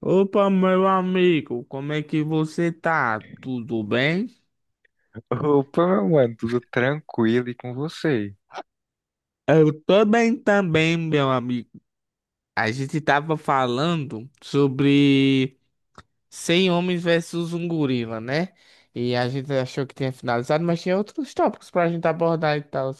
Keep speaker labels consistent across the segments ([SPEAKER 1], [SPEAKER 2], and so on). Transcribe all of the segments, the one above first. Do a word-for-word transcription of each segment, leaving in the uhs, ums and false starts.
[SPEAKER 1] Opa, meu amigo, como é que você tá? Tudo bem?
[SPEAKER 2] Opa, mano, tudo tranquilo e com você?
[SPEAKER 1] Eu tô bem também, meu amigo. A gente tava falando sobre cem homens versus um gorila, né? E a gente achou que tinha finalizado, mas tinha outros tópicos pra gente abordar e tal. Não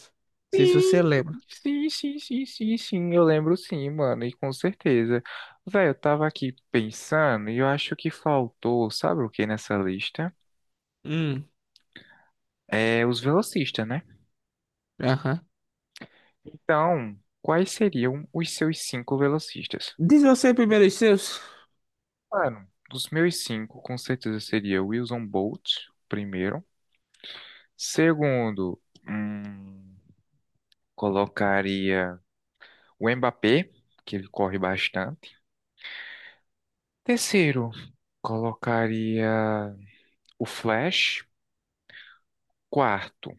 [SPEAKER 1] sei se
[SPEAKER 2] Sim,
[SPEAKER 1] você lembra.
[SPEAKER 2] sim, sim, sim, sim, sim, eu lembro sim, mano, e com certeza. Velho, eu tava aqui pensando e eu acho que faltou, sabe o que nessa lista?
[SPEAKER 1] Hum,
[SPEAKER 2] É os velocistas, né?
[SPEAKER 1] aham.
[SPEAKER 2] Então, quais seriam os seus cinco velocistas?
[SPEAKER 1] Diz você primeiro os seus.
[SPEAKER 2] Mano, dos meus cinco, com certeza seria Wilson Bolt, primeiro. Segundo, hum, colocaria o Mbappé, que ele corre bastante. Terceiro, colocaria o Flash. Quarto,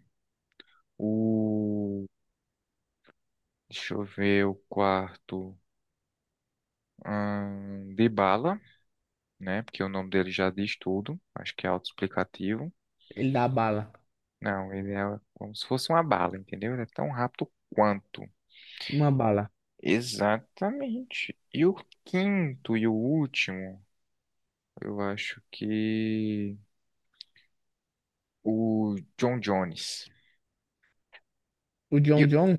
[SPEAKER 2] o. Deixa eu ver o quarto. Hum, Dybala, né? Porque o nome dele já diz tudo. Acho que é autoexplicativo.
[SPEAKER 1] Ele dá bala.
[SPEAKER 2] Não, ele é como se fosse uma bala, entendeu? Ele é tão rápido quanto.
[SPEAKER 1] Uma bala.
[SPEAKER 2] Exatamente. E o quinto e o último, eu acho que o John Jones.
[SPEAKER 1] O
[SPEAKER 2] E
[SPEAKER 1] John John?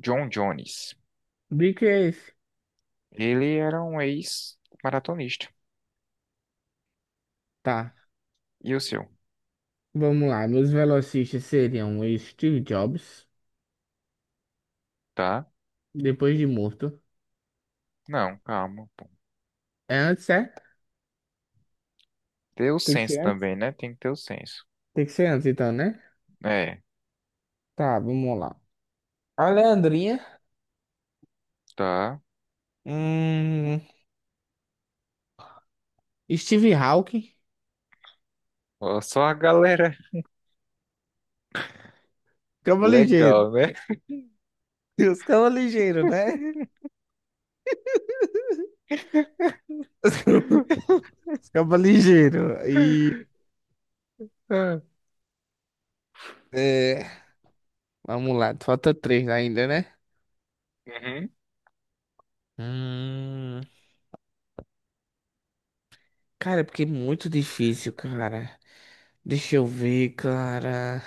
[SPEAKER 2] John Jones.
[SPEAKER 1] Bico é esse?
[SPEAKER 2] Ele era um ex-maratonista.
[SPEAKER 1] Tá,
[SPEAKER 2] E o seu?
[SPEAKER 1] vamos lá. Meus velocistas seriam o Steve Jobs.
[SPEAKER 2] Tá?
[SPEAKER 1] Depois de morto.
[SPEAKER 2] Não, calma, pô.
[SPEAKER 1] É antes, é?
[SPEAKER 2] Ter o
[SPEAKER 1] Tem que ser
[SPEAKER 2] senso
[SPEAKER 1] antes.
[SPEAKER 2] também, né? Tem que ter o senso.
[SPEAKER 1] Tem que ser antes, então, né?
[SPEAKER 2] É,
[SPEAKER 1] Tá, vamos lá. A Leandrinha.
[SPEAKER 2] tá.
[SPEAKER 1] Hum, Steve Hawking.
[SPEAKER 2] Ó, só a galera
[SPEAKER 1] Cama ligeiro.
[SPEAKER 2] legal, né?
[SPEAKER 1] E os cama ligeiro, né? Os cama ligeiro. E.
[SPEAKER 2] Ah.
[SPEAKER 1] É, vamos lá, falta três ainda, né?
[SPEAKER 2] Uhum.
[SPEAKER 1] Hum, cara, é porque é muito difícil, cara. Deixa eu ver, cara.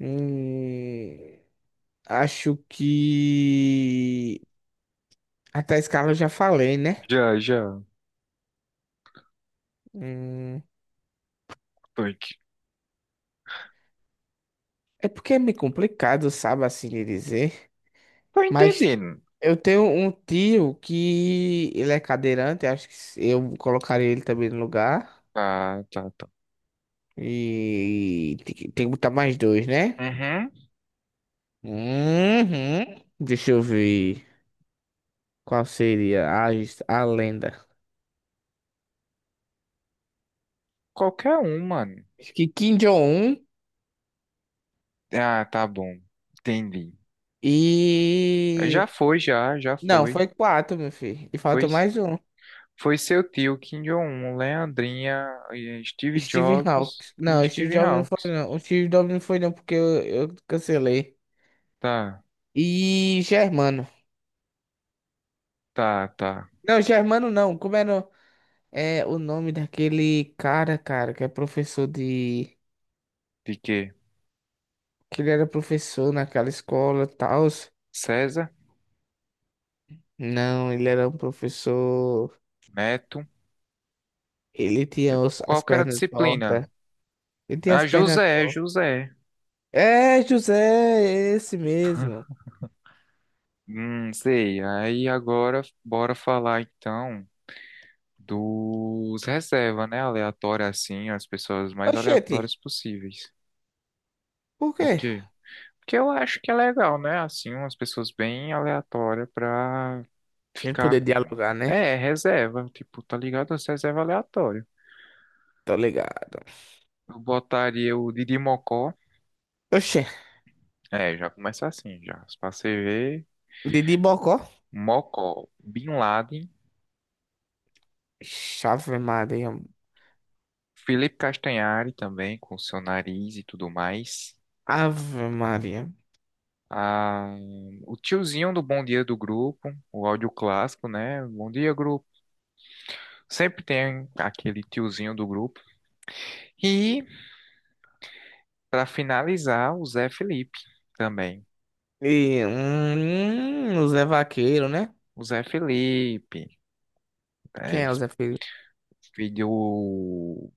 [SPEAKER 1] Hum, acho que. Até a escala eu já falei, né?
[SPEAKER 2] Já, já.
[SPEAKER 1] Hum.
[SPEAKER 2] Toink.
[SPEAKER 1] É porque é meio complicado, sabe, assim de dizer.
[SPEAKER 2] Tô
[SPEAKER 1] Mas
[SPEAKER 2] entendendo.
[SPEAKER 1] eu tenho um tio que ele é cadeirante, acho que se- eu colocaria ele também no lugar.
[SPEAKER 2] Tá, tá, tá.
[SPEAKER 1] E tem que tem que botar mais dois, né?
[SPEAKER 2] Uhum.
[SPEAKER 1] Uhum. Deixa eu ver qual seria a, his- a lenda.
[SPEAKER 2] Qualquer um, mano.
[SPEAKER 1] Acho que Kim Jong-un
[SPEAKER 2] Ah, tá bom. Entendi.
[SPEAKER 1] e.
[SPEAKER 2] Já foi, já, já
[SPEAKER 1] Não,
[SPEAKER 2] foi.
[SPEAKER 1] foi quatro, meu filho. E falta
[SPEAKER 2] Pois
[SPEAKER 1] mais um.
[SPEAKER 2] foi seu tio, Kim Jong-un, Leandrinha, eh, Steve
[SPEAKER 1] Steve
[SPEAKER 2] Jobs
[SPEAKER 1] Hawkes.
[SPEAKER 2] e
[SPEAKER 1] Não, o Steve
[SPEAKER 2] Steve
[SPEAKER 1] Jobs não foi,
[SPEAKER 2] Hawkes.
[SPEAKER 1] não. O Steve Jobs não foi, não, porque eu eu cancelei.
[SPEAKER 2] Tá,
[SPEAKER 1] E Germano.
[SPEAKER 2] tá, tá.
[SPEAKER 1] Não, Germano não. Como era é, o nome daquele cara, cara, que é professor de.
[SPEAKER 2] De quê?
[SPEAKER 1] Que ele era professor naquela escola e tal.
[SPEAKER 2] César?
[SPEAKER 1] Não, ele era um professor.
[SPEAKER 2] Neto.
[SPEAKER 1] Ele tinha os-
[SPEAKER 2] Qual
[SPEAKER 1] as
[SPEAKER 2] que era a
[SPEAKER 1] pernas
[SPEAKER 2] disciplina?
[SPEAKER 1] tortas. Ele tinha as
[SPEAKER 2] Ah,
[SPEAKER 1] pernas
[SPEAKER 2] José,
[SPEAKER 1] tortas.
[SPEAKER 2] José.
[SPEAKER 1] É, José, é esse mesmo.
[SPEAKER 2] Hum, sei. Aí agora bora falar então dos reserva, né? Aleatória assim, as pessoas mais
[SPEAKER 1] Oxente,
[SPEAKER 2] aleatórias possíveis.
[SPEAKER 1] por
[SPEAKER 2] O
[SPEAKER 1] quê?
[SPEAKER 2] quê? Que eu acho que é legal, né? Assim, umas pessoas bem aleatórias pra
[SPEAKER 1] A gente
[SPEAKER 2] ficar.
[SPEAKER 1] poder
[SPEAKER 2] Com-
[SPEAKER 1] dialogar, né?
[SPEAKER 2] É, reserva. Tipo, tá ligado? As reserva aleatória.
[SPEAKER 1] Tô ligado.
[SPEAKER 2] Eu botaria o Didi Mocó.
[SPEAKER 1] Oxê,
[SPEAKER 2] É, já começa assim, já. Pra você ver.
[SPEAKER 1] Didi Bocó.
[SPEAKER 2] Mocó, Bin Laden.
[SPEAKER 1] Ixi, Ave Maria.
[SPEAKER 2] Felipe Castanhari também, com seu nariz e tudo mais.
[SPEAKER 1] Ave Maria.
[SPEAKER 2] Ah, o tiozinho do Bom Dia do Grupo, o áudio clássico, né? Bom dia, grupo. Sempre tem aquele tiozinho do grupo. E, para finalizar, o Zé Felipe também.
[SPEAKER 1] E hum, o Zé Vaqueiro, né?
[SPEAKER 2] O Zé Felipe,
[SPEAKER 1] Quem
[SPEAKER 2] é,
[SPEAKER 1] é o Zé Fe-
[SPEAKER 2] filho do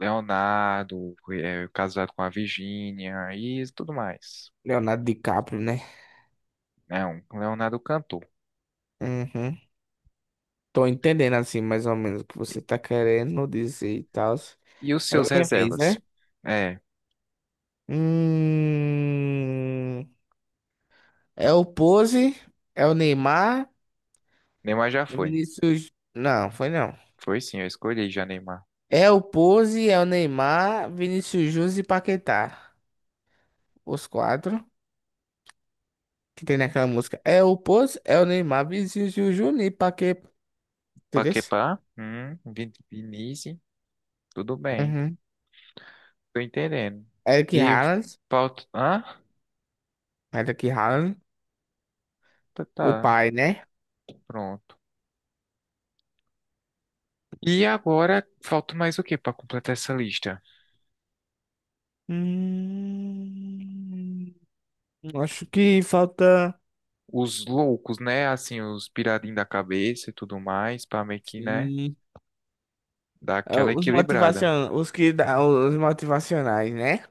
[SPEAKER 2] Leonardo, é, casado com a Virgínia e tudo mais.
[SPEAKER 1] Leonardo DiCaprio, né?
[SPEAKER 2] É um Leonardo cantor.
[SPEAKER 1] Uhum. Tô entendendo assim, mais ou menos, o que você tá querendo dizer e tal.
[SPEAKER 2] E os
[SPEAKER 1] Agora
[SPEAKER 2] seus
[SPEAKER 1] é minha vez, né?
[SPEAKER 2] reservas? É,
[SPEAKER 1] Hum, é o Pose, é o Neymar,
[SPEAKER 2] Neymar já
[SPEAKER 1] é
[SPEAKER 2] foi.
[SPEAKER 1] Vinícius. Não, foi não.
[SPEAKER 2] Foi sim, eu escolhi já Neymar.
[SPEAKER 1] É o Pose, é o Neymar, Vinícius Júnior e Paquetá. Os quatro que tem naquela música. É o Pose, é o Neymar, Vinícius Júnior e Paquetá. Entendeu?
[SPEAKER 2] Paquetá, hum, Vin- Vinícius, tudo bem.
[SPEAKER 1] Uhum.
[SPEAKER 2] Tô entendendo.
[SPEAKER 1] Eric
[SPEAKER 2] E
[SPEAKER 1] Haaland,
[SPEAKER 2] falta. Ah,
[SPEAKER 1] Eric Haaland,
[SPEAKER 2] tá,
[SPEAKER 1] o
[SPEAKER 2] tá,
[SPEAKER 1] pai, né?
[SPEAKER 2] pronto. E agora falta mais o que pra completar essa lista?
[SPEAKER 1] Hum, acho que falta,
[SPEAKER 2] Os loucos, né? Assim, os piradinhos da cabeça e tudo mais, pra meio que, né?
[SPEAKER 1] sim,
[SPEAKER 2] Dar
[SPEAKER 1] é,
[SPEAKER 2] aquela
[SPEAKER 1] os
[SPEAKER 2] equilibrada.
[SPEAKER 1] motivacion, os que dá, os motivacionais, né?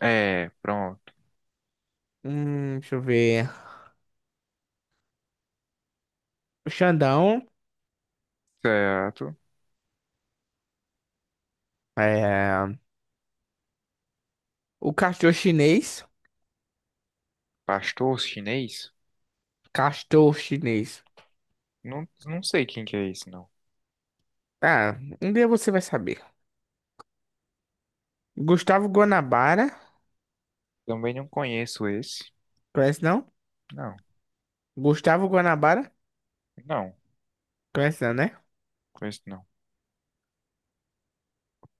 [SPEAKER 2] É, pronto.
[SPEAKER 1] Hum, deixa eu ver. O Xandão,
[SPEAKER 2] Certo.
[SPEAKER 1] é, o castor chinês,
[SPEAKER 2] Pastor chinês?
[SPEAKER 1] castor chinês.
[SPEAKER 2] Não, não sei quem que é esse, não.
[SPEAKER 1] Ah, um dia você vai saber. Gustavo Guanabara,
[SPEAKER 2] Também não conheço esse.
[SPEAKER 1] conhece não?
[SPEAKER 2] Não,
[SPEAKER 1] Gustavo Guanabara,
[SPEAKER 2] não,
[SPEAKER 1] conhece não, né?
[SPEAKER 2] conheço não.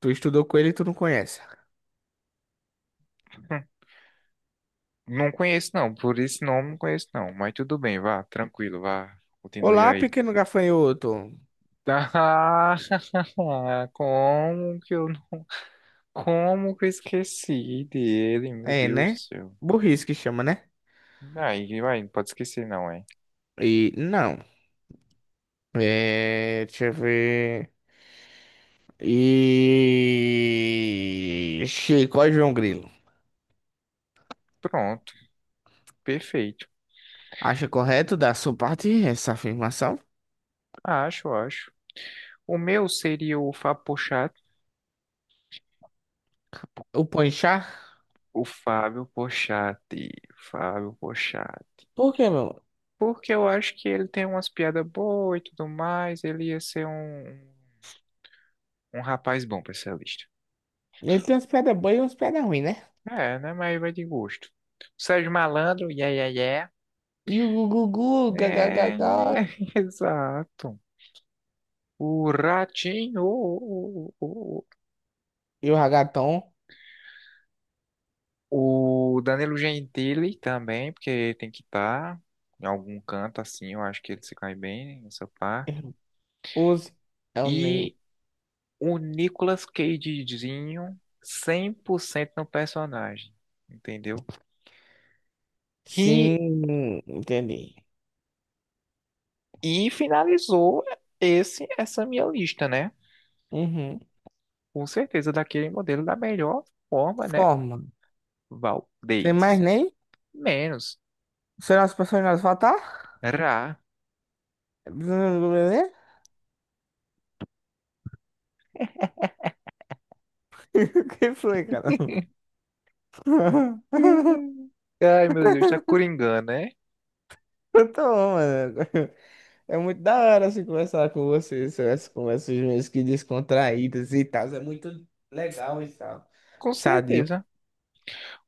[SPEAKER 1] Tu estudou com ele e tu não conhece.
[SPEAKER 2] Não conheço, não. Por esse nome, não conheço, não. Mas tudo bem, vá, tranquilo, vá. Continue
[SPEAKER 1] Olá,
[SPEAKER 2] aí.
[SPEAKER 1] pequeno gafanhoto.
[SPEAKER 2] Ah, como que eu, não- como que eu esqueci dele, meu
[SPEAKER 1] É,
[SPEAKER 2] Deus do
[SPEAKER 1] né?
[SPEAKER 2] céu.
[SPEAKER 1] Burrice que chama, né?
[SPEAKER 2] Aí, vai, não pode esquecer, não, é.
[SPEAKER 1] E não. É, deixa eu ver. E Chico é João Grilo.
[SPEAKER 2] Pronto, perfeito.
[SPEAKER 1] Acha correto da sua parte essa afirmação?
[SPEAKER 2] Acho, acho. O meu seria o Fábio Porchat.
[SPEAKER 1] O Ponchar?
[SPEAKER 2] O Fábio Porchat. Fábio Porchat.
[SPEAKER 1] Por quê, meu?
[SPEAKER 2] Porque eu acho que ele tem umas piadas boas e tudo mais. Ele ia ser um, um rapaz bom pra essa lista.
[SPEAKER 1] Ele tem umas pedras boas e umas pedras ruins, né?
[SPEAKER 2] É, né? Mas vai de gosto. Sérgio Malandro, yeah, yeah, yeah.
[SPEAKER 1] E o Gugugu,
[SPEAKER 2] É,
[SPEAKER 1] gagagagá.
[SPEAKER 2] exato. O Ratinho, o, o,
[SPEAKER 1] E o Ragaton?
[SPEAKER 2] o, o Danilo Gentili também, porque tem que estar em algum canto assim, eu acho que ele se cai bem nessa parte.
[SPEAKER 1] Use. É o
[SPEAKER 2] E
[SPEAKER 1] name.
[SPEAKER 2] o Nicolas Cagezinho, cem por cento no personagem, entendeu? E,
[SPEAKER 1] Sim, entendi.
[SPEAKER 2] e finalizou esse, essa minha lista, né?
[SPEAKER 1] Uhum.
[SPEAKER 2] Com certeza, daquele modelo da melhor forma, né?
[SPEAKER 1] Forma. Sem mais
[SPEAKER 2] Valdez.
[SPEAKER 1] nem?
[SPEAKER 2] Menos.
[SPEAKER 1] Será as pessoas nós votar?
[SPEAKER 2] Ra.
[SPEAKER 1] Hum, hum, hum, hum. O que foi, cara?
[SPEAKER 2] Hum. Ai, meu Deus, tá coringando, né?
[SPEAKER 1] Eu tô bom, mano. É muito da hora assim conversar com vocês, essas conversas mesmo que descontraídas e tal. É muito legal e tal.
[SPEAKER 2] Com
[SPEAKER 1] Sadio.
[SPEAKER 2] certeza.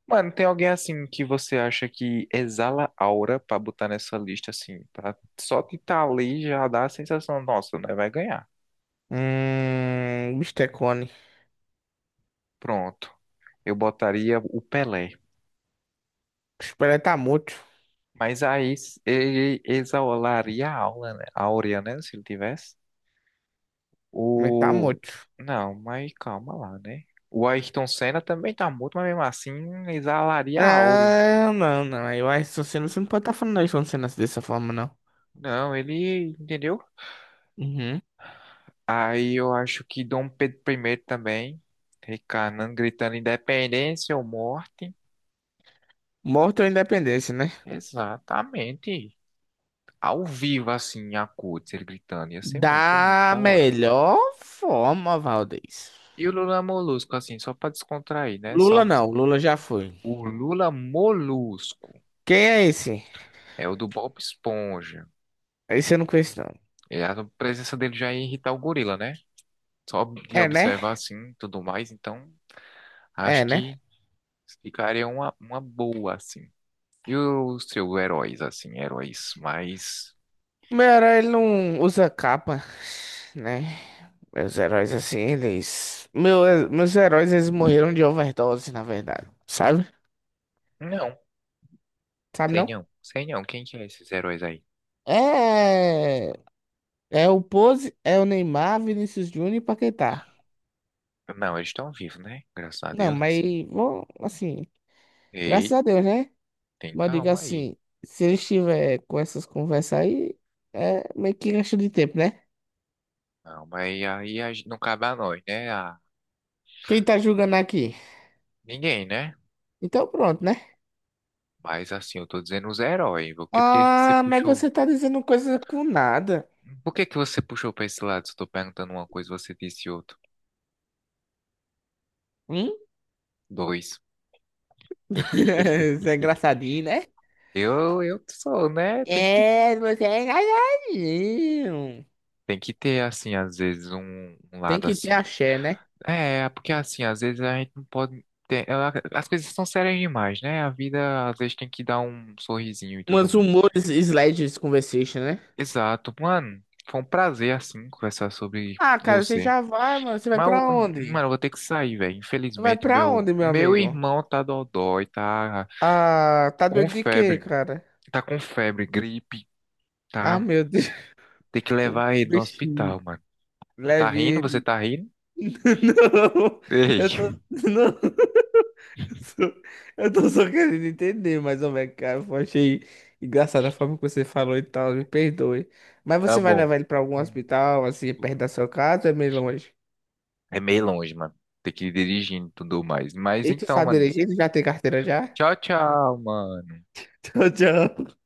[SPEAKER 2] Mano, tem alguém assim que você acha que exala aura pra botar nessa lista assim, pra só de estar ali já dá a sensação, nossa, né? Vai ganhar.
[SPEAKER 1] Hum, bistecone.
[SPEAKER 2] Pronto. Eu botaria o Pelé.
[SPEAKER 1] Espera, tá morto?
[SPEAKER 2] Mas aí s- ele exalaria a aula, né? A áurea, né? Se ele tivesse.
[SPEAKER 1] Mas tá
[SPEAKER 2] O.
[SPEAKER 1] morto?
[SPEAKER 2] Não, mas calma lá, né? O Ayrton Senna também tá morto, mas mesmo assim exalaria a áurea.
[SPEAKER 1] Não, não, não. Eu acho que você não você não pode estar falando isso quando você nasce dessa forma, não.
[SPEAKER 2] Não, ele. Entendeu?
[SPEAKER 1] Uhum.
[SPEAKER 2] Aí eu acho que Dom Pedro primeiro também. Recanando, gritando independência ou morte.
[SPEAKER 1] Morto ou independência, né?
[SPEAKER 2] Exatamente. Ao vivo, assim, a acordes, ele gritando. Ia ser muito, muito
[SPEAKER 1] Da
[SPEAKER 2] da hora.
[SPEAKER 1] melhor forma, Valdez.
[SPEAKER 2] E o Lula Molusco, assim, só pra descontrair, né?
[SPEAKER 1] Lula
[SPEAKER 2] Sobe.
[SPEAKER 1] não, Lula já foi.
[SPEAKER 2] O Lula Molusco
[SPEAKER 1] Quem é esse?
[SPEAKER 2] é o do Bob Esponja.
[SPEAKER 1] Esse eu não conheço, não.
[SPEAKER 2] E a presença dele já ia irritar o gorila, né? Só de
[SPEAKER 1] É, né?
[SPEAKER 2] observar assim, tudo mais. Então, acho
[SPEAKER 1] É, né?
[SPEAKER 2] que ficaria uma, uma boa, assim. E os seus heróis, assim, heróis mais.
[SPEAKER 1] Meu herói, ele não usa capa, né? Meus heróis, assim, eles... Meu, meus heróis, eles morreram de overdose, na verdade. Sabe?
[SPEAKER 2] Não,
[SPEAKER 1] Sabe,
[SPEAKER 2] sei
[SPEAKER 1] não?
[SPEAKER 2] não, sei não. Quem que é esses heróis aí?
[SPEAKER 1] É... É o Pose, é o Neymar, Vinícius Júnior e Paquetá.
[SPEAKER 2] Não, eles estão vivos, né? Graças a
[SPEAKER 1] Não,
[SPEAKER 2] Deus,
[SPEAKER 1] mas,
[SPEAKER 2] assim.
[SPEAKER 1] bom, assim, graças
[SPEAKER 2] Ei,
[SPEAKER 1] a Deus, né?
[SPEAKER 2] tem
[SPEAKER 1] Mas eu digo
[SPEAKER 2] calma aí.
[SPEAKER 1] assim, se ele estiver com essas conversas aí, é meio que gasto de tempo, né?
[SPEAKER 2] Calma aí, aí a gente- não cabe a nós, né? A
[SPEAKER 1] Quem tá julgando aqui?
[SPEAKER 2] ninguém, né?
[SPEAKER 1] Então pronto, né?
[SPEAKER 2] Mas assim, eu tô dizendo os heróis. Por que, por que que você
[SPEAKER 1] Ah, mas
[SPEAKER 2] puxou?
[SPEAKER 1] você tá dizendo coisa com nada.
[SPEAKER 2] Por que que você puxou pra esse lado? Se eu tô perguntando uma coisa, você disse outra.
[SPEAKER 1] Hum?
[SPEAKER 2] Dois.
[SPEAKER 1] Você é engraçadinho, né?
[SPEAKER 2] Eu, eu sou, né? Tem que,
[SPEAKER 1] É, você é engraçadinho.
[SPEAKER 2] tem que ter, assim, às vezes, um, um
[SPEAKER 1] Tem
[SPEAKER 2] lado
[SPEAKER 1] que ter
[SPEAKER 2] assim.
[SPEAKER 1] axé, né?
[SPEAKER 2] É, porque, assim, às vezes a gente não pode ter. ela- As coisas são sérias demais, né? A vida, às vezes, tem que dar um sorrisinho e tudo
[SPEAKER 1] Umas
[SPEAKER 2] mais.
[SPEAKER 1] humores sledges conversation, né?
[SPEAKER 2] Exato. Mano, foi um prazer, assim, conversar sobre
[SPEAKER 1] Ah, cara, você
[SPEAKER 2] você.
[SPEAKER 1] já vai, mano. Você vai
[SPEAKER 2] Mas, eu-
[SPEAKER 1] pra onde?
[SPEAKER 2] mano, eu vou ter que sair, velho.
[SPEAKER 1] Tu vai
[SPEAKER 2] Infelizmente,
[SPEAKER 1] pra
[SPEAKER 2] meu,
[SPEAKER 1] onde, meu
[SPEAKER 2] meu
[SPEAKER 1] amigo?
[SPEAKER 2] irmão tá dodói, tá
[SPEAKER 1] Ah, tá
[SPEAKER 2] com
[SPEAKER 1] doido de quê,
[SPEAKER 2] febre.
[SPEAKER 1] cara?
[SPEAKER 2] Tá com febre, gripe,
[SPEAKER 1] Ah,
[SPEAKER 2] tá?
[SPEAKER 1] meu Deus.
[SPEAKER 2] Tem que
[SPEAKER 1] O
[SPEAKER 2] levar ele no
[SPEAKER 1] bichinho.
[SPEAKER 2] hospital, mano. Tá
[SPEAKER 1] Leve
[SPEAKER 2] rindo? Você
[SPEAKER 1] ele.
[SPEAKER 2] tá rindo?
[SPEAKER 1] Não,
[SPEAKER 2] Ei,
[SPEAKER 1] eu tô. Não. só- Eu tô só querendo entender, mas, ô, velho, cara, eu achei engraçada a forma que você falou e tal, me perdoe. Mas
[SPEAKER 2] tá
[SPEAKER 1] você vai
[SPEAKER 2] bom.
[SPEAKER 1] levar ele pra algum hospital, assim, perto da sua casa, ou é meio longe?
[SPEAKER 2] É meio longe, mano. Tem que ir dirigindo e tudo mais. Mas
[SPEAKER 1] E tu
[SPEAKER 2] então,
[SPEAKER 1] sabe
[SPEAKER 2] mano.
[SPEAKER 1] dirigir, tu já tem carteira já?
[SPEAKER 2] Tchau, tchau, mano.
[SPEAKER 1] Tchau, tchau.